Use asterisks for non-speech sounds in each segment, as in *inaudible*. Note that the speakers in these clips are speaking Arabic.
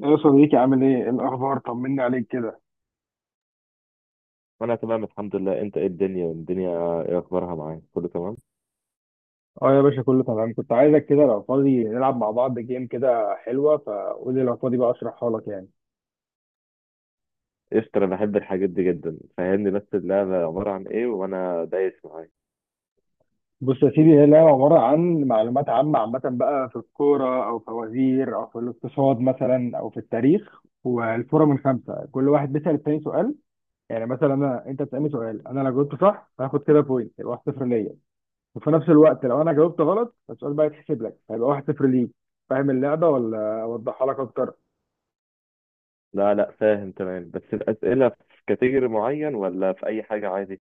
يا صديقي، عامل ايه؟ إيه الاخبار؟ طمني عليك كده. انا تمام الحمد لله. انت ايه الدنيا ايه اخبارها معاك؟ كله تمام. اه يا باشا، كله تمام. كنت عايزك كده لو فاضي نلعب مع بعض جيم كده حلوة، فقول لي لو فاضي بقى اشرحها لك يعني. قشطة، انا بحب الحاجات دي جدا. فهمني بس، اللعبة عبارة عن ايه وانا دايس معاك. بص يا سيدي، هي اللعبه عباره عن معلومات عامه عامه بقى في الكوره او فوازير او في الاقتصاد مثلا او في التاريخ، والفوره من خمسه، كل واحد بيسال التاني سؤال. يعني مثلا انا انت بتسالني سؤال، انا لو جاوبت صح هاخد كده بوينت، يبقى 1-0 ليا. وفي نفس الوقت لو انا جاوبت غلط السؤال بقى يتحسب لك، هيبقى 1-0 ليك. فاهم اللعبه ولا اوضحها لك اكتر؟ لا لا، فاهم تمام، بس الاسئلة في كاتيجوري معين ولا في اي حاجة عادي؟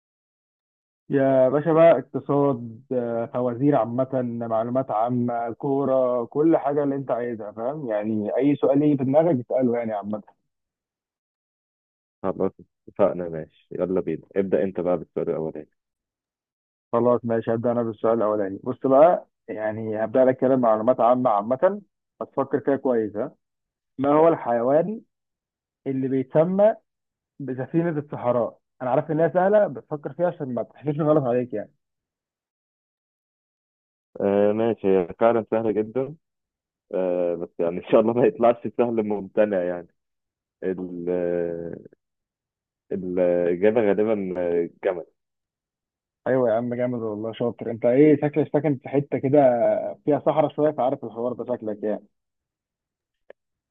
يا باشا بقى اقتصاد، فوازير، عامة، معلومات عامة، كورة، كل حاجة اللي انت عايزها. فاهم يعني اي سؤال يجي في دماغك اسأله يعني عامة. خلاص، اتفقنا، ماشي يلا بينا. ابدأ انت بقى بالسؤال الاولاني. خلاص ماشي، هبدأ انا بالسؤال الاولاني. بص بقى، يعني هبدأ لك كده معلومات عامة عامة. هتفكر فيها كويس، ها. ما هو الحيوان اللي بيتسمى بسفينة الصحراء؟ انا عارف ان هي سهلة بس فكر فيها عشان ما تحسش غلط عليك يعني. آه ماشي، هي فعلا سهلة جدا. آه، بس يعني ان شاء الله ما يطلعش سهل ممتنع يعني. ال- الإجابة غالبا جمل. ايوه يا عم، جامد والله، شاطر. انت ايه شكلك ساكن في حتة كده فيها صحراء شوية، فعارف الحوار ده شكلك يعني.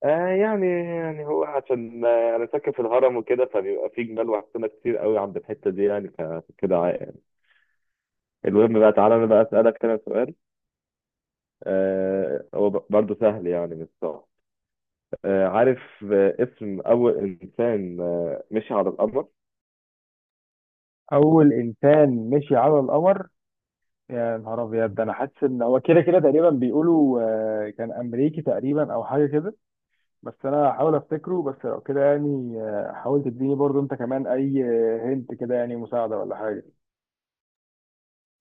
يعني هو عشان انا ساكن في الهرم وكده، فبيبقى في جمال وحصينة كتير قوي عند الحته دي يعني، يعني. المهم بقى، تعالى انا بقى اسالك كده سؤال. آه، هو برضه سهل يعني مش صعب. آه، عارف. اسم اول انسان مشي على القمر؟ اول انسان مشي على القمر؟ يا نهار ابيض، ده انا حاسس ان هو كده كده تقريبا بيقولوا. كان امريكي تقريبا او حاجه كده، بس انا هحاول افتكره. بس لو كده يعني، حاول تديني برضو انت كمان اي، هنت كده يعني مساعده ولا حاجه.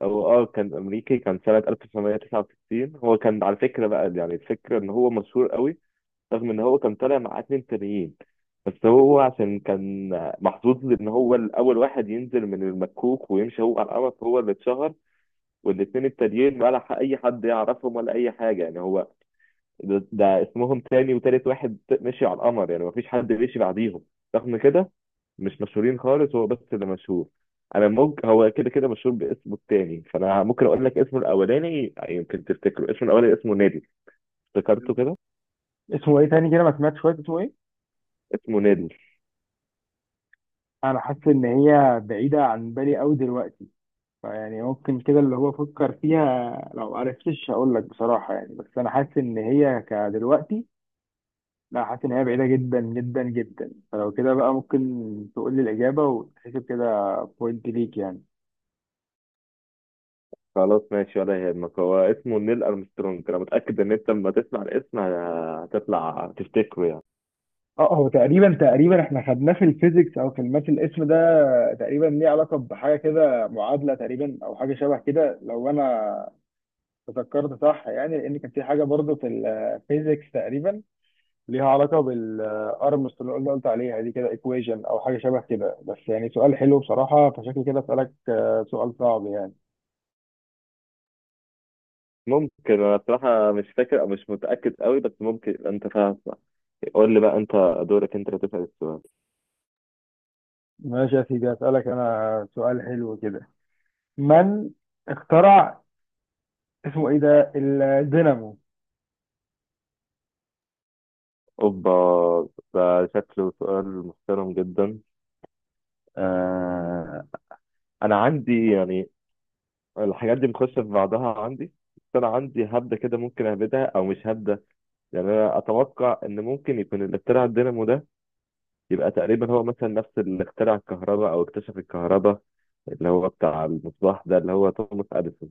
هو كان امريكي، كان سنه 1969. هو كان على فكره بقى، يعني الفكره ان هو مشهور قوي رغم ان هو كان طالع مع اتنين تانيين. بس هو عشان كان محظوظ ان هو الاول واحد ينزل من المكوك ويمشي هو على القمر، فهو اللي اتشهر. والاتنين التانيين ولا اي حد يعرفهم ولا اي حاجه يعني. هو ده اسمهم تاني وتالت واحد مشي على القمر، يعني مفيش حد مشي بعديهم رغم كده، مش مشهورين خالص، هو بس اللي مشهور. انا ممكن هو كده كده مشهور باسمه التاني، فانا ممكن اقول لك اسمه الاولاني يمكن تفتكره. اسمه الاولاني اسمه نادي، افتكرته كده؟ اسمه ايه تاني كده؟ ما سمعتش شويه، اسمه ايه؟ اسمه نادي. انا حاسس ان هي بعيده عن بالي قوي دلوقتي، فيعني ممكن كده اللي هو افكر فيها، لو عرفتش هقول لك بصراحه يعني. بس انا حاسس ان هي كدلوقتي، لا حاسس ان هي بعيده جدا جدا جدا. فلو كده بقى ممكن تقول لي الاجابه وتحسب كده بوينت ليك يعني. خلاص، ماشي ولا يهمك، هو اسمه نيل أرمسترونج. أنا متأكد إن أنت لما تسمع الاسم هتطلع تفتكره يعني. اه هو تقريبا تقريبا احنا خدناه في الفيزيكس او في الماس الاسم ده. تقريبا ليه علاقه بحاجه كده معادله تقريبا او حاجه شبه كده، لو انا تذكرت صح يعني، لان كان في حاجه برضه في الفيزيكس تقريبا ليها علاقه بالارمس اللي قلت عليها دي، كده ايكويجن او حاجه شبه كده. بس يعني سؤال حلو بصراحه، فشكل كده اسالك سؤال صعب يعني. ممكن، أنا بصراحة مش فاكر أو مش متأكد قوي، بس ممكن يبقى أنت فاهم. قول لي بقى أنت، دورك أنت اللي تسأل السؤال. ماشي يا سيدي، هسألك أنا سؤال حلو كده. من اخترع اسمه إيه ده الدينامو؟ أوبا، ده شكله سؤال محترم جدا. آه، أنا عندي يعني الحاجات دي بتخش في بعضها عندي. بس أنا عندي هبدة كده، ممكن أهبدها أو مش هبدة. يعني أنا أتوقع إن ممكن يكون اللي اخترع الدينامو ده يبقى تقريبا هو مثلا نفس اللي اخترع الكهرباء او اكتشف الكهرباء، اللي هو بتاع المصباح ده، اللي هو توماس اديسون.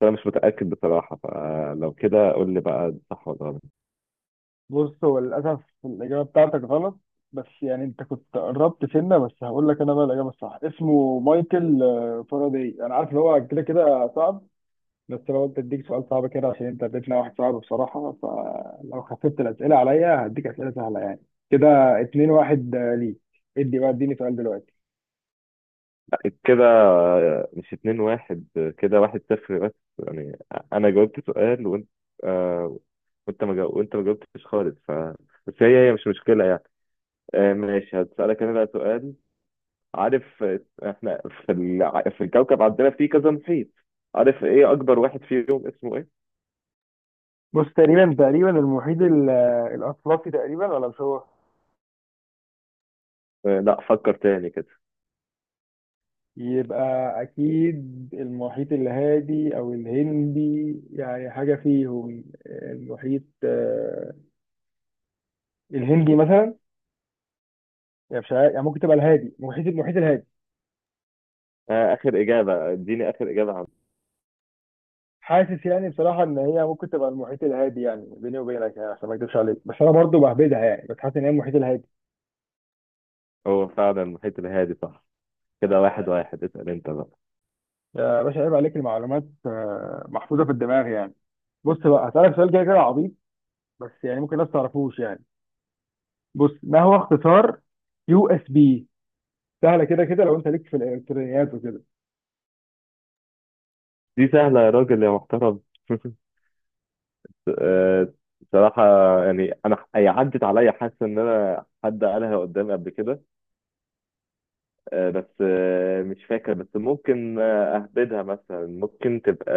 بس انا مش متاكد بصراحه، فلو كده قول لي بقى ده صح ولا غلط. بص، هو للأسف الإجابة بتاعتك غلط، بس يعني أنت كنت قربت سنة. بس هقول لك أنا بقى الإجابة الصح، اسمه مايكل فاراداي. أنا عارف إن هو كده كده صعب، بس لو قلت أديك سؤال صعب كده عشان أنت اديتنا واحد صعب بصراحة. فلو خففت الأسئلة عليا هديك أسئلة سهلة يعني. كده اتنين واحد ليك. ادي بقى، اديني سؤال دلوقتي. لا، كده مش اتنين واحد، كده واحد صفر بس يعني. انا جاوبت سؤال وانت آه وانت ما جاوب وانت ما جاوبتش خالص ف. بس هي مش مشكله يعني. آه ماشي، هسالك انا بقى سؤال. عارف احنا في في الكوكب عندنا في كذا محيط، عارف ايه اكبر واحد فيهم اسمه ايه؟ بص تقريبا تقريبا المحيط الأطلسي تقريبا، ولا مش هو؟ لا، فكر تاني كده. يبقى أكيد المحيط الهادي أو الهندي، يعني حاجة فيهم. المحيط الهندي مثلا. يعني مش عارف- يعني ممكن تبقى الهادي، محيط المحيط الهادي. آه، آخر إجابة، اديني آخر إجابة عن. حاسس يعني بصراحة إن هي ممكن تبقى المحيط الهادي، يعني بيني وبينك يعني عشان ما أكدبش عليك، بس أنا برضو بهبدها يعني، بس حاسس إن هي المحيط الهادي. هو فعلا المحيط الهادي، صح. كده واحد واحد، اسأل أنت بقى. يا باشا عيب عليك، المعلومات محفوظة في الدماغ يعني. بص بقى، هسألك سؤال كده كده عبيط، بس يعني ممكن الناس تعرفوش يعني. بص، ما هو اختصار يو اس بي؟ سهله كده كده لو انت ليك في الالكترونيات وكده. دي سهلة يا راجل يا محترم. *laughs* آه، بصراحة يعني أنا هي عدت عليا، حاسس إن أنا حد قالها قدامي قبل كده. آه، بس مش فاكر، بس ممكن أهبدها مثلا. ممكن تبقى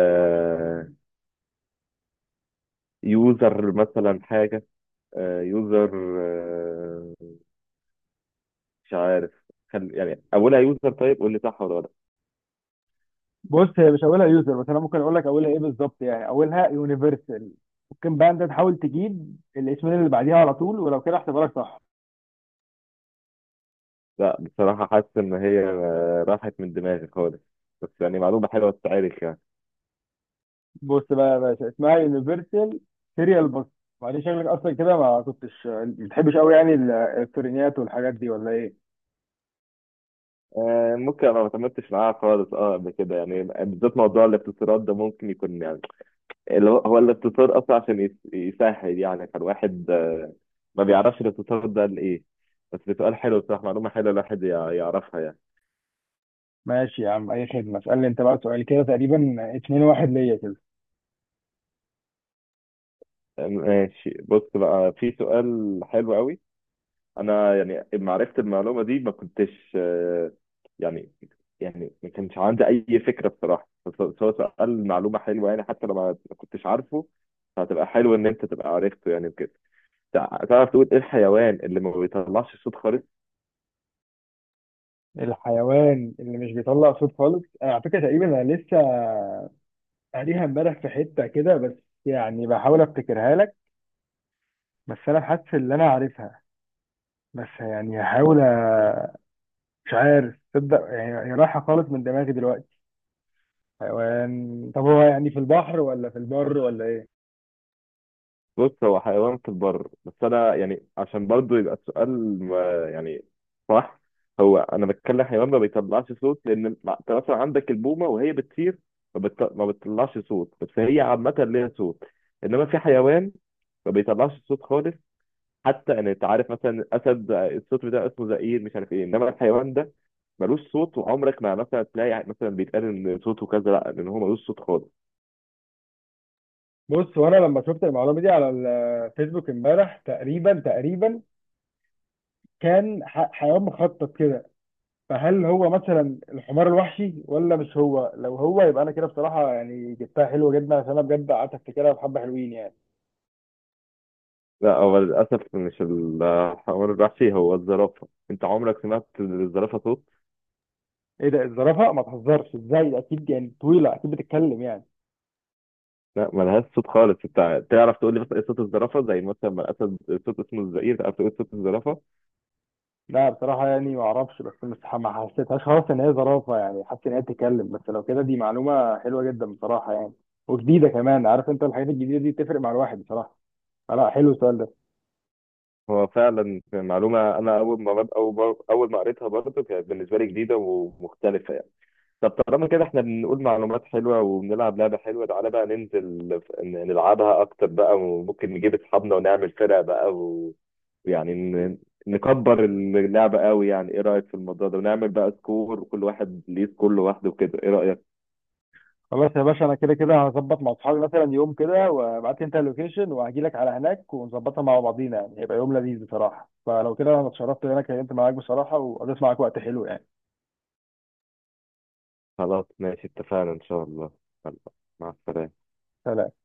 يوزر مثلا، حاجة يوزر، مش عارف. يعني أولها يوزر، طيب قول لي صح ولا غلط. بص، هي مش اولها يوزر، بس انا ممكن اقول لك اولها ايه بالظبط يعني، اولها يونيفرسال. ممكن بقى انت تحاول تجيب الاسمين اللي بعديها على طول، ولو كده احتمالك صح. لا، بصراحة حاسس إن هي راحت من دماغي خالص، بس يعني معلومة حلوة تتعرف يعني. بص بقى يا باشا، اسمها يونيفرسال سيريال بس. وبعدين شكلك اصلا كده ما كنتش ما بتحبش قوي يعني الالكترونيات والحاجات دي، ولا ايه؟ آه، ممكن. أنا ما تعاملتش معاها خالص أه قبل كده يعني، بالذات موضوع الاختصارات ده ممكن يكون يعني. اللي هو الاختصار أصلا عشان يسهل يعني، فالواحد ما بيعرفش الاختصار ده لإيه. بس ده سؤال حلو بصراحة، معلومة حلوة الواحد يعرفها يعني. ماشي يا عم، اي خدمه. اسالني انت بقى سؤال، كده تقريبا 2-1 ليا كده. آه ماشي، بص بقى في سؤال حلو أوي. انا يعني لما عرفت المعلومه دي ما كنتش يعني ما كانش عندي اي فكره بصراحه. بس هو سأل معلومه حلوه يعني، حتى لو ما كنتش عارفه. فهتبقى حلو ان انت تبقى عرفته يعني وكده. تعرف تقول ايه الحيوان اللي ما بيطلعش صوت خالص؟ الحيوان اللي مش بيطلع صوت خالص؟ أنا على فكره تقريبا انا لسه قاريها امبارح في حتة كده، بس يعني بحاول افتكرها لك. بس انا حاسس ان انا عارفها، بس يعني هحاول مش عارف تصدق يعني، هي رايحة خالص من دماغي دلوقتي. حيوان، طب هو يعني في البحر ولا في البر ولا ايه؟ بص، هو حيوان في البر. بس انا يعني عشان برضو يبقى السؤال يعني صح. هو انا بتكلم حيوان ما بيطلعش صوت، لان انت مثلا عندك البومه وهي بتطير ما بتطلعش صوت، بس هي عامه ليها صوت. انما في حيوان ما بيطلعش صوت خالص، حتى ان انت عارف. مثلا الاسد الصوت بتاعه اسمه زئير، مش عارف ايه، انما الحيوان ده ملوش صوت. وعمرك ما مثلا تلاقي مثلا بيتقال ان صوته كذا، لا لان هو ملوش صوت خالص. بص وانا لما شفت المعلومة دي على الفيسبوك امبارح تقريبا تقريبا كان حيوان مخطط كده. فهل هو مثلا الحمار الوحشي، ولا مش هو؟ لو هو يبقى انا كده بصراحة يعني جبتها حلوة جدا، عشان انا بجد قعدت افتكرها بحبة حلوين يعني. لا، هو للأسف مش الحمار الوحشي، هو الزرافة. أنت عمرك سمعت الزرافة صوت؟ ايه ده، اتضربها، ما تهزرش ازاي، اكيد يعني طويله اكيد بتتكلم يعني. لا، ملهاش صوت خالص. أنت تعرف تقول لي مثلا إيه صوت الزرافة؟ زي مثلا ما الأسد صوت اسمه الزئير، تعرف تقول صوت الزرافة؟ لا بصراحه يعني ما اعرفش، بس مش ما حسيتهاش خالص ان هي زرافه يعني، حاسس ان هي بتتكلم. بس لو كده، دي معلومه حلوه جدا بصراحه يعني، وجديده كمان. عارف انت الحاجات الجديده دي تفرق مع الواحد بصراحه، فلا حلو السؤال ده. هو فعلا معلومة، أنا أول ما بد... أول ما أول ما قريتها برضه كانت بالنسبة لي جديدة ومختلفة يعني. طب طالما كده إحنا بنقول معلومات حلوة وبنلعب لعبة حلوة، تعالى بقى ننزل نلعبها أكتر بقى، وممكن نجيب أصحابنا ونعمل فرق بقى. يعني نكبر اللعبة قوي يعني، ايه رأيك في الموضوع ده؟ ونعمل بقى سكور، وكل واحد ليه سكور لوحده وكده. ايه رأيك؟ خلاص يا باشا، انا كده كده هظبط مع اصحابي مثلا يوم كده، وابعت لي انت اللوكيشن وهجي لك على هناك ونظبطها مع بعضينا يعني، هيبقى يوم لذيذ بصراحه. فلو كده انا اتشرفت ان انا اتكلمت معاك بصراحه، وقضيت معاك وقت حلو يعني. خلاص ماشي اتفقنا ان شاء الله. يلا، مع السلامة. سلام.